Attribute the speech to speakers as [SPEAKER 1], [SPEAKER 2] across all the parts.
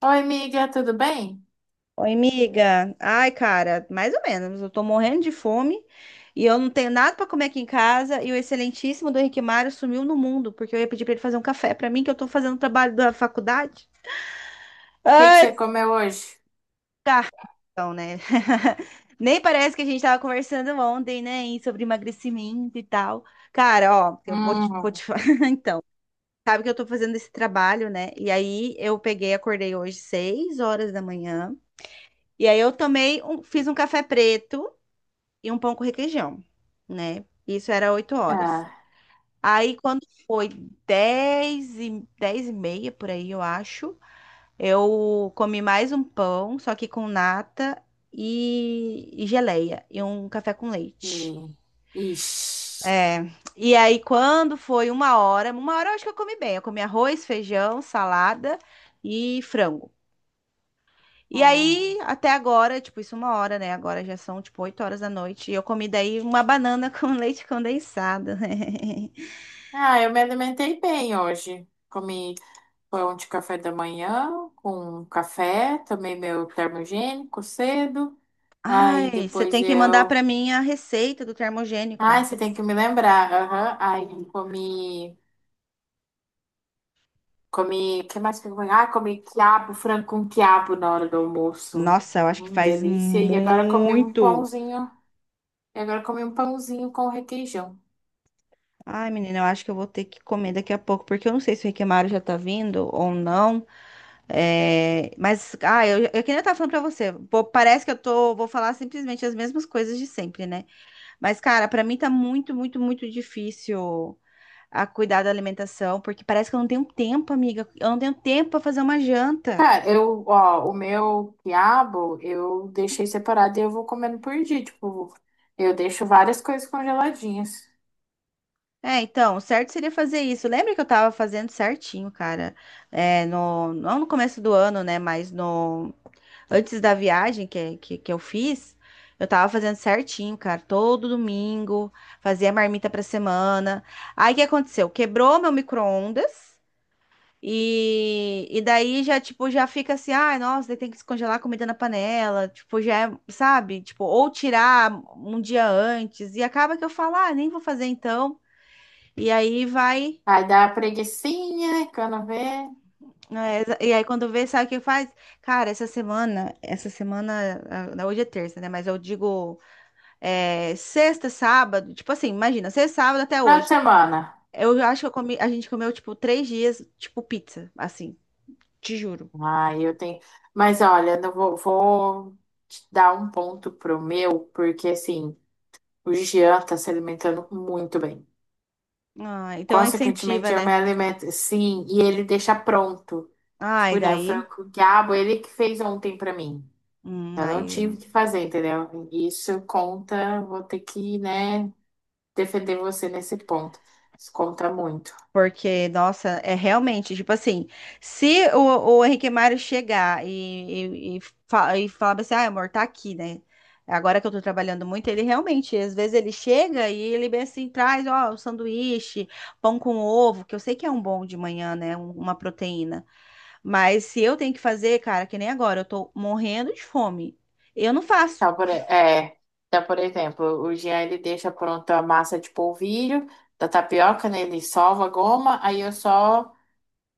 [SPEAKER 1] Oi, amiga, tudo bem? O
[SPEAKER 2] Oi, amiga. Ai, cara, mais ou menos. Eu tô morrendo de fome e eu não tenho nada pra comer aqui em casa. E o excelentíssimo do Henrique Mário sumiu no mundo, porque eu ia pedir pra ele fazer um café pra mim, que eu tô fazendo o trabalho da faculdade.
[SPEAKER 1] que que você
[SPEAKER 2] Ai,
[SPEAKER 1] comeu hoje?
[SPEAKER 2] cartão, né? Nem parece que a gente tava conversando ontem, né? Sobre emagrecimento e tal. Cara, ó, eu vou te, vou
[SPEAKER 1] Hum,
[SPEAKER 2] te... Sabe que eu tô fazendo esse trabalho, né? E aí eu peguei, acordei hoje 6 horas da manhã. E aí eu tomei um, fiz um café preto e um pão com requeijão, né? Isso era 8 horas.
[SPEAKER 1] ah,
[SPEAKER 2] Aí quando foi dez e meia, por aí eu acho, eu comi mais um pão, só que com nata e geleia, e um café com leite.
[SPEAKER 1] e, ixi,
[SPEAKER 2] É, e aí quando foi uma hora eu acho que eu comi bem, eu comi arroz, feijão, salada e frango. E
[SPEAKER 1] hum.
[SPEAKER 2] aí, até agora, tipo, isso é uma hora, né? Agora já são, tipo, 20h. E eu comi daí uma banana com leite condensado.
[SPEAKER 1] Ah, eu me alimentei bem hoje. Comi pão de café da manhã com café, tomei meu termogênico cedo. Aí
[SPEAKER 2] Ai, você
[SPEAKER 1] depois
[SPEAKER 2] tem que mandar
[SPEAKER 1] eu.
[SPEAKER 2] pra mim a receita do termogênico.
[SPEAKER 1] Ai, você tem que me lembrar. Aham. Aí Comi. Que mais que eu comi? Ah, comi quiabo, frango com quiabo na hora do almoço.
[SPEAKER 2] Nossa, eu acho que faz
[SPEAKER 1] Delícia. E agora comi um
[SPEAKER 2] muito.
[SPEAKER 1] pãozinho. E agora comi um pãozinho com requeijão.
[SPEAKER 2] Ai, menina, eu acho que eu vou ter que comer daqui a pouco, porque eu não sei se o Riquemaro já tá vindo ou não. É, mas, ah, eu que nem eu tava falando pra você, pô, parece que eu tô, vou falar simplesmente as mesmas coisas de sempre, né? Mas, cara, pra mim tá muito, muito, muito difícil a cuidar da alimentação, porque parece que eu não tenho tempo, amiga. Eu não tenho tempo pra fazer uma janta.
[SPEAKER 1] Cara, eu, ó, o meu quiabo eu deixei separado e eu vou comendo por dia. Tipo, eu deixo várias coisas congeladinhas.
[SPEAKER 2] É, então, o certo seria fazer isso. Lembra que eu tava fazendo certinho, cara? É, não no começo do ano, né? Mas no, antes da viagem que eu fiz, eu tava fazendo certinho, cara. Todo domingo, fazia marmita pra semana. Aí o que aconteceu? Quebrou meu micro-ondas. E daí já, tipo, já fica assim, ai, nossa, daí tem que descongelar a comida na panela, tipo, já é, sabe? Tipo, ou tirar um dia antes, e acaba que eu falo, ah, nem vou fazer então. E aí vai,
[SPEAKER 1] Aí dá uma preguicinha, quando vê.
[SPEAKER 2] é, e aí quando vê, sabe o que faz? Cara, essa semana, ah, hoje é terça, né? Mas eu digo, é, sexta, sábado, tipo assim, imagina, sexta, sábado até
[SPEAKER 1] Final de
[SPEAKER 2] hoje.
[SPEAKER 1] semana.
[SPEAKER 2] Eu acho que eu comi, a gente comeu, tipo, 3 dias, tipo, pizza, assim, te juro.
[SPEAKER 1] Aí eu tenho. Mas olha, não vou, vou te dar um ponto pro meu, porque assim, o Jean tá se alimentando muito bem.
[SPEAKER 2] Ah, então é incentiva,
[SPEAKER 1] Consequentemente, eu me
[SPEAKER 2] né?
[SPEAKER 1] alimento. Sim, e ele deixa pronto. Tipo,
[SPEAKER 2] Ai,
[SPEAKER 1] né, o
[SPEAKER 2] daí.
[SPEAKER 1] frango com quiabo, ele que fez ontem pra mim. Eu não
[SPEAKER 2] Aí,
[SPEAKER 1] tive que fazer, entendeu? Isso conta, vou ter que, né, defender você nesse ponto. Isso conta muito.
[SPEAKER 2] porque, nossa, é realmente, tipo assim, se o, o Henrique Mário chegar e falar assim, ah, amor, tá aqui, né? Agora que eu tô trabalhando muito, ele realmente, às vezes ele chega e ele bem assim, traz, ó, um sanduíche, pão com ovo, que eu sei que é um bom de manhã, né? Uma proteína. Mas se eu tenho que fazer, cara, que nem agora, eu tô morrendo de fome. Eu não faço.
[SPEAKER 1] Então, por, é, então, por exemplo, o Jean, ele deixa pronto a massa de polvilho, da tapioca, né, ele sova a goma, aí eu só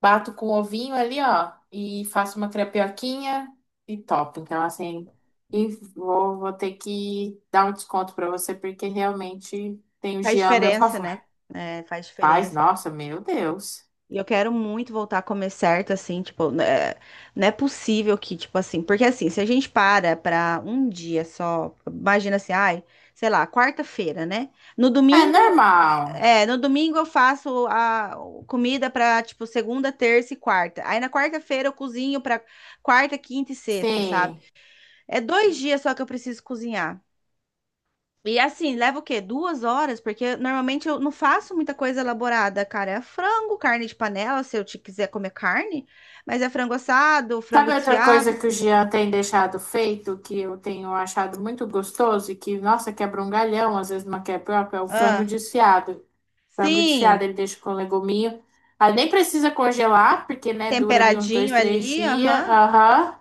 [SPEAKER 1] bato com ovinho ali, ó, e faço uma crepioquinha e topo. Então, assim, e vou ter que dar um desconto pra você, porque realmente tem o
[SPEAKER 2] Faz
[SPEAKER 1] Jean a meu
[SPEAKER 2] diferença,
[SPEAKER 1] favor.
[SPEAKER 2] né? É, faz
[SPEAKER 1] Faz,
[SPEAKER 2] diferença.
[SPEAKER 1] nossa, meu Deus.
[SPEAKER 2] E eu quero muito voltar a comer certo, assim, tipo, né, não é possível que, tipo assim, porque assim, se a gente para pra um dia só, imagina assim, ai, sei lá, quarta-feira, né? No
[SPEAKER 1] É
[SPEAKER 2] domingo,
[SPEAKER 1] normal.
[SPEAKER 2] é, no domingo eu faço a comida pra, tipo, segunda, terça e quarta. Aí na quarta-feira eu cozinho pra quarta, quinta e sexta, sabe?
[SPEAKER 1] Sim.
[SPEAKER 2] É 2 dias só que eu preciso cozinhar. E assim, leva o quê? 2 horas? Porque normalmente eu não faço muita coisa elaborada, cara. É frango, carne de panela, se eu te quiser comer carne. Mas é frango assado, frango
[SPEAKER 1] Sabe outra coisa
[SPEAKER 2] desfiado.
[SPEAKER 1] que o Jean tem deixado feito, que eu tenho achado muito gostoso e que, nossa, quebra um galhão, às vezes uma crepioca, é o frango
[SPEAKER 2] Ah,
[SPEAKER 1] desfiado. Frango desfiado,
[SPEAKER 2] sim,
[SPEAKER 1] ele deixa com leguminho. Aí nem precisa congelar, porque, né, dura ali uns dois,
[SPEAKER 2] temperadinho
[SPEAKER 1] três
[SPEAKER 2] ali,
[SPEAKER 1] dias.
[SPEAKER 2] aham.
[SPEAKER 1] Aham.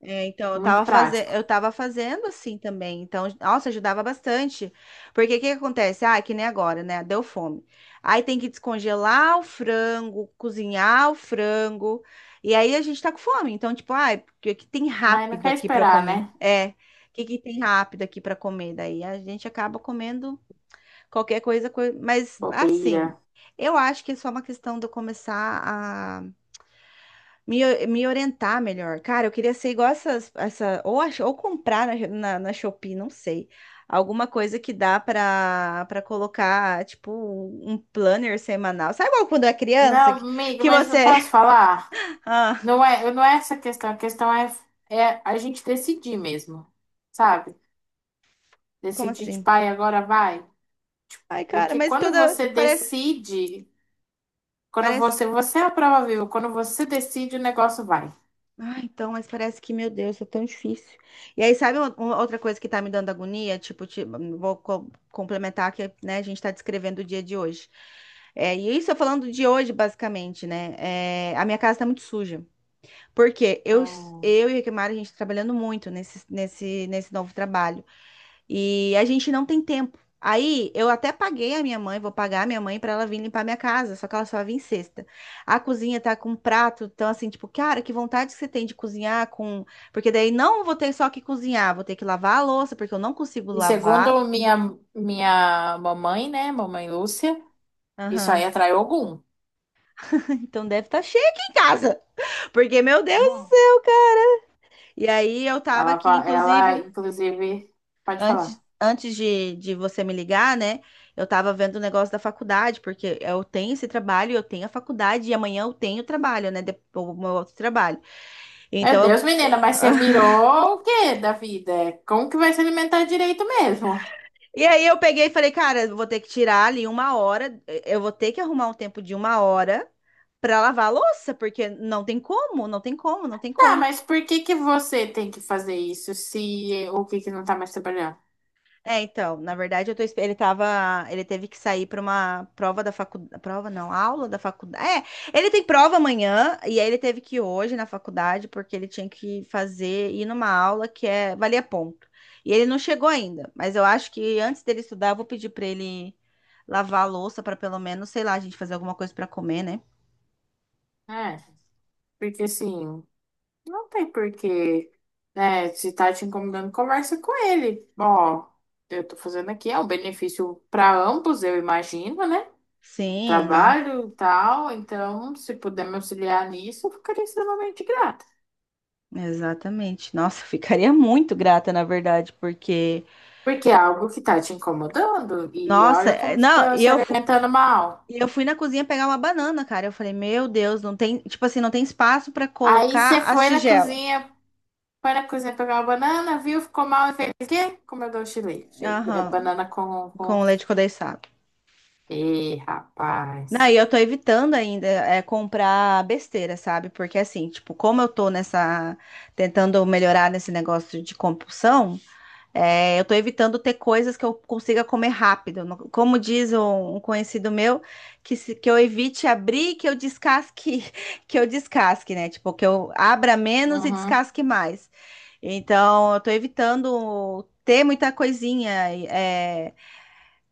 [SPEAKER 2] É, então,
[SPEAKER 1] Muito prático.
[SPEAKER 2] eu tava fazendo assim também. Então, nossa, ajudava bastante. Porque o que que acontece? Ah, é que nem agora, né? Deu fome. Aí tem que descongelar o frango, cozinhar o frango. E aí a gente tá com fome. Então, tipo, ai, o que que tem
[SPEAKER 1] Mas não
[SPEAKER 2] rápido
[SPEAKER 1] quer
[SPEAKER 2] aqui pra eu
[SPEAKER 1] esperar,
[SPEAKER 2] comer?
[SPEAKER 1] né?
[SPEAKER 2] É, o que que tem rápido aqui pra comer? Daí a gente acaba comendo qualquer coisa, mas assim,
[SPEAKER 1] Bobeira.
[SPEAKER 2] eu acho que é só uma questão de eu começar me orientar melhor. Cara, eu queria ser igual essas, ou comprar na Shopee, não sei. Alguma coisa que dá para colocar, tipo, um planner semanal. Sabe igual quando é criança
[SPEAKER 1] Não, amiga,
[SPEAKER 2] que
[SPEAKER 1] mas não
[SPEAKER 2] você.
[SPEAKER 1] posso falar?
[SPEAKER 2] Ah,
[SPEAKER 1] Não é, não é essa a questão. A questão é, é a gente decidir mesmo, sabe?
[SPEAKER 2] como
[SPEAKER 1] Decidir de
[SPEAKER 2] assim?
[SPEAKER 1] pai, agora vai.
[SPEAKER 2] Ai, cara,
[SPEAKER 1] Porque
[SPEAKER 2] mas
[SPEAKER 1] quando
[SPEAKER 2] toda.
[SPEAKER 1] você
[SPEAKER 2] Parece,
[SPEAKER 1] decide, quando
[SPEAKER 2] parece.
[SPEAKER 1] você, você é a prova viva, quando você decide, o negócio vai.
[SPEAKER 2] Ah, então, mas parece que, meu Deus, é tão difícil. E aí, sabe outra coisa que tá me dando agonia? Tipo, vou complementar que, né, a gente tá descrevendo o dia de hoje. É, e isso eu falando de hoje, basicamente, né? É, a minha casa tá muito suja. Porque
[SPEAKER 1] Hum.
[SPEAKER 2] eu e a Kimara, a gente tá trabalhando muito nesse novo trabalho. E a gente não tem tempo. Aí eu até paguei a minha mãe, vou pagar a minha mãe para ela vir limpar minha casa, só que ela só vem sexta. A cozinha tá com prato, então assim, tipo, cara, que vontade que você tem de cozinhar com, porque daí não vou ter só que cozinhar, vou ter que lavar a louça, porque eu não consigo
[SPEAKER 1] E
[SPEAKER 2] lavar.
[SPEAKER 1] segundo minha mamãe, né, mamãe Lúcia, isso aí
[SPEAKER 2] Aham.
[SPEAKER 1] atrai Ogum.
[SPEAKER 2] Então deve estar cheio aqui em casa. Porque meu Deus do
[SPEAKER 1] Uhum.
[SPEAKER 2] céu. E aí eu tava
[SPEAKER 1] Ela,
[SPEAKER 2] aqui,
[SPEAKER 1] fa- ela,
[SPEAKER 2] inclusive,
[SPEAKER 1] inclusive, pode
[SPEAKER 2] Antes,
[SPEAKER 1] falar.
[SPEAKER 2] antes de você me ligar, né? Eu tava vendo o negócio da faculdade, porque eu tenho esse trabalho, eu tenho a faculdade, e amanhã eu tenho trabalho, né? O meu outro trabalho.
[SPEAKER 1] Meu
[SPEAKER 2] Então, eu-
[SPEAKER 1] Deus, menina, mas você virou o quê da vida? Como que vai se alimentar direito mesmo?
[SPEAKER 2] e aí eu peguei e falei, cara, eu vou ter que tirar ali uma hora, eu vou ter que arrumar um tempo de uma hora pra lavar a louça, porque não tem como, não tem como, não tem
[SPEAKER 1] Tá,
[SPEAKER 2] como.
[SPEAKER 1] mas por que que você tem que fazer isso se o que que não tá mais trabalhando?
[SPEAKER 2] É, então, na verdade, ele tava, ele teve que sair para uma prova da faculdade, prova não, aula da faculdade. É, ele tem prova amanhã e aí ele teve que ir hoje na faculdade porque ele tinha que fazer ir numa aula que é valia ponto. E ele não chegou ainda, mas eu acho que antes dele estudar, eu vou pedir para ele lavar a louça para pelo menos, sei lá, a gente fazer alguma coisa para comer, né?
[SPEAKER 1] É, porque sim. Não tem porquê, né? Se tá te incomodando, conversa com ele. Ó, eu tô fazendo aqui, é um benefício para ambos, eu imagino, né?
[SPEAKER 2] Sim, não.
[SPEAKER 1] Trabalho e tal, então, se puder me auxiliar nisso, eu ficaria extremamente grata.
[SPEAKER 2] Exatamente. Nossa, eu ficaria muito grata, na verdade, porque
[SPEAKER 1] Porque é algo que tá te incomodando e
[SPEAKER 2] nossa,
[SPEAKER 1] olha como você
[SPEAKER 2] não,
[SPEAKER 1] tá
[SPEAKER 2] e
[SPEAKER 1] se
[SPEAKER 2] eu,
[SPEAKER 1] alimentando mal.
[SPEAKER 2] e eu fui na cozinha pegar uma banana, cara. Eu falei, meu Deus, não tem, tipo assim, não tem espaço pra
[SPEAKER 1] Aí você
[SPEAKER 2] colocar as
[SPEAKER 1] foi na
[SPEAKER 2] tigelas.
[SPEAKER 1] cozinha, foi na cozinha pegar uma banana, viu? Ficou mal e fez o quê? Comeu doce de leite. É
[SPEAKER 2] Aham,
[SPEAKER 1] banana com...
[SPEAKER 2] com leite condensado.
[SPEAKER 1] Ih, rapaz.
[SPEAKER 2] Daí eu tô evitando ainda é, comprar besteira, sabe? Porque assim, tipo, como eu tô nessa, tentando melhorar nesse negócio de compulsão, é, eu tô evitando ter coisas que eu consiga comer rápido. Como diz um conhecido meu, que, se- que eu evite abrir, que eu descasque, que eu descasque, né? Tipo, que eu abra menos e
[SPEAKER 1] Uhum.
[SPEAKER 2] descasque mais. Então, eu tô evitando ter muita coisinha. É...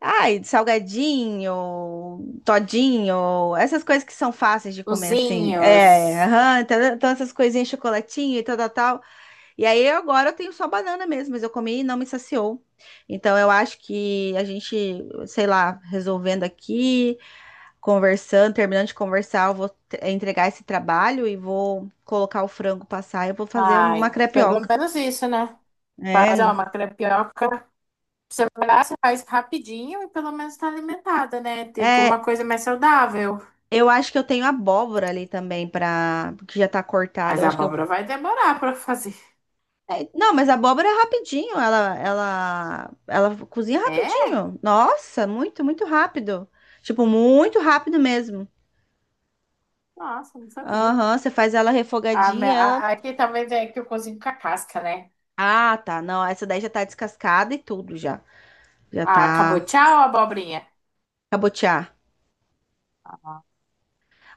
[SPEAKER 2] Ai, salgadinho, todinho, essas coisas que são fáceis de comer assim. É,
[SPEAKER 1] Cozinhos.
[SPEAKER 2] aham, então, então essas coisinhas, chocolatinho e tal, tal, tal. E aí agora eu tenho só banana mesmo, mas eu comi e não me saciou. Então eu acho que a gente, sei lá, resolvendo aqui, conversando, terminando de conversar, eu vou entregar esse trabalho e vou colocar o frango passar e eu vou fazer uma
[SPEAKER 1] Ai, pelo
[SPEAKER 2] crepioca.
[SPEAKER 1] menos isso, né? Faz ó,
[SPEAKER 2] É,
[SPEAKER 1] uma crepioca. Você vai lá, você faz rapidinho e pelo menos tá alimentada, né? Tem uma
[SPEAKER 2] é,
[SPEAKER 1] coisa mais saudável.
[SPEAKER 2] eu acho que eu tenho abóbora ali também para que já tá cortada.
[SPEAKER 1] Mas
[SPEAKER 2] Eu
[SPEAKER 1] a
[SPEAKER 2] acho que eu
[SPEAKER 1] abóbora vai demorar pra fazer.
[SPEAKER 2] é, não, mas a abóbora é rapidinho, ela cozinha
[SPEAKER 1] É?
[SPEAKER 2] rapidinho. Nossa, muito, muito rápido. Tipo, muito rápido mesmo.
[SPEAKER 1] Nossa, não sabia.
[SPEAKER 2] Aham, você faz ela
[SPEAKER 1] A, me-
[SPEAKER 2] refogadinha, ela.
[SPEAKER 1] a- aqui talvez é que eu cozinho com a casca, né?
[SPEAKER 2] Ah, tá. Não, essa daí já tá descascada e tudo já. Já
[SPEAKER 1] Ah, acabou.
[SPEAKER 2] tá
[SPEAKER 1] Tchau, abobrinha.
[SPEAKER 2] cabotear.
[SPEAKER 1] Ah,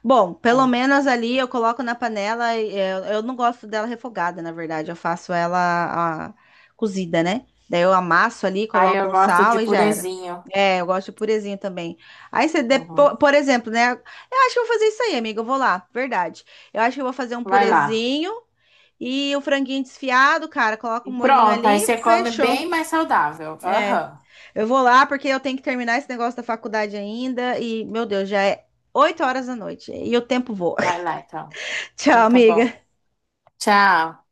[SPEAKER 2] Bom, pelo
[SPEAKER 1] é.
[SPEAKER 2] menos ali eu coloco na panela. Eu não gosto dela refogada, na verdade. Eu faço ela ah, cozida, né? Daí eu amasso ali,
[SPEAKER 1] Aí
[SPEAKER 2] coloco
[SPEAKER 1] eu
[SPEAKER 2] um
[SPEAKER 1] gosto de
[SPEAKER 2] sal e já era.
[SPEAKER 1] purezinho.
[SPEAKER 2] É, eu gosto de purezinho também. Aí você, depo...
[SPEAKER 1] Uhum.
[SPEAKER 2] por exemplo, né? Eu acho que eu vou fazer isso aí, amiga. Eu vou lá, verdade. Eu acho que eu vou fazer um
[SPEAKER 1] Vai lá.
[SPEAKER 2] purezinho e o franguinho desfiado, cara. Coloca
[SPEAKER 1] E
[SPEAKER 2] um molhinho
[SPEAKER 1] pronto, aí
[SPEAKER 2] ali,
[SPEAKER 1] você come
[SPEAKER 2] fechou.
[SPEAKER 1] bem mais saudável.
[SPEAKER 2] É,
[SPEAKER 1] Aham.
[SPEAKER 2] eu vou lá porque eu tenho que terminar esse negócio da faculdade ainda e, meu Deus, já é 20h e o tempo voa.
[SPEAKER 1] Vai lá, então.
[SPEAKER 2] Tchau,
[SPEAKER 1] Então tá bom.
[SPEAKER 2] amiga.
[SPEAKER 1] Tchau.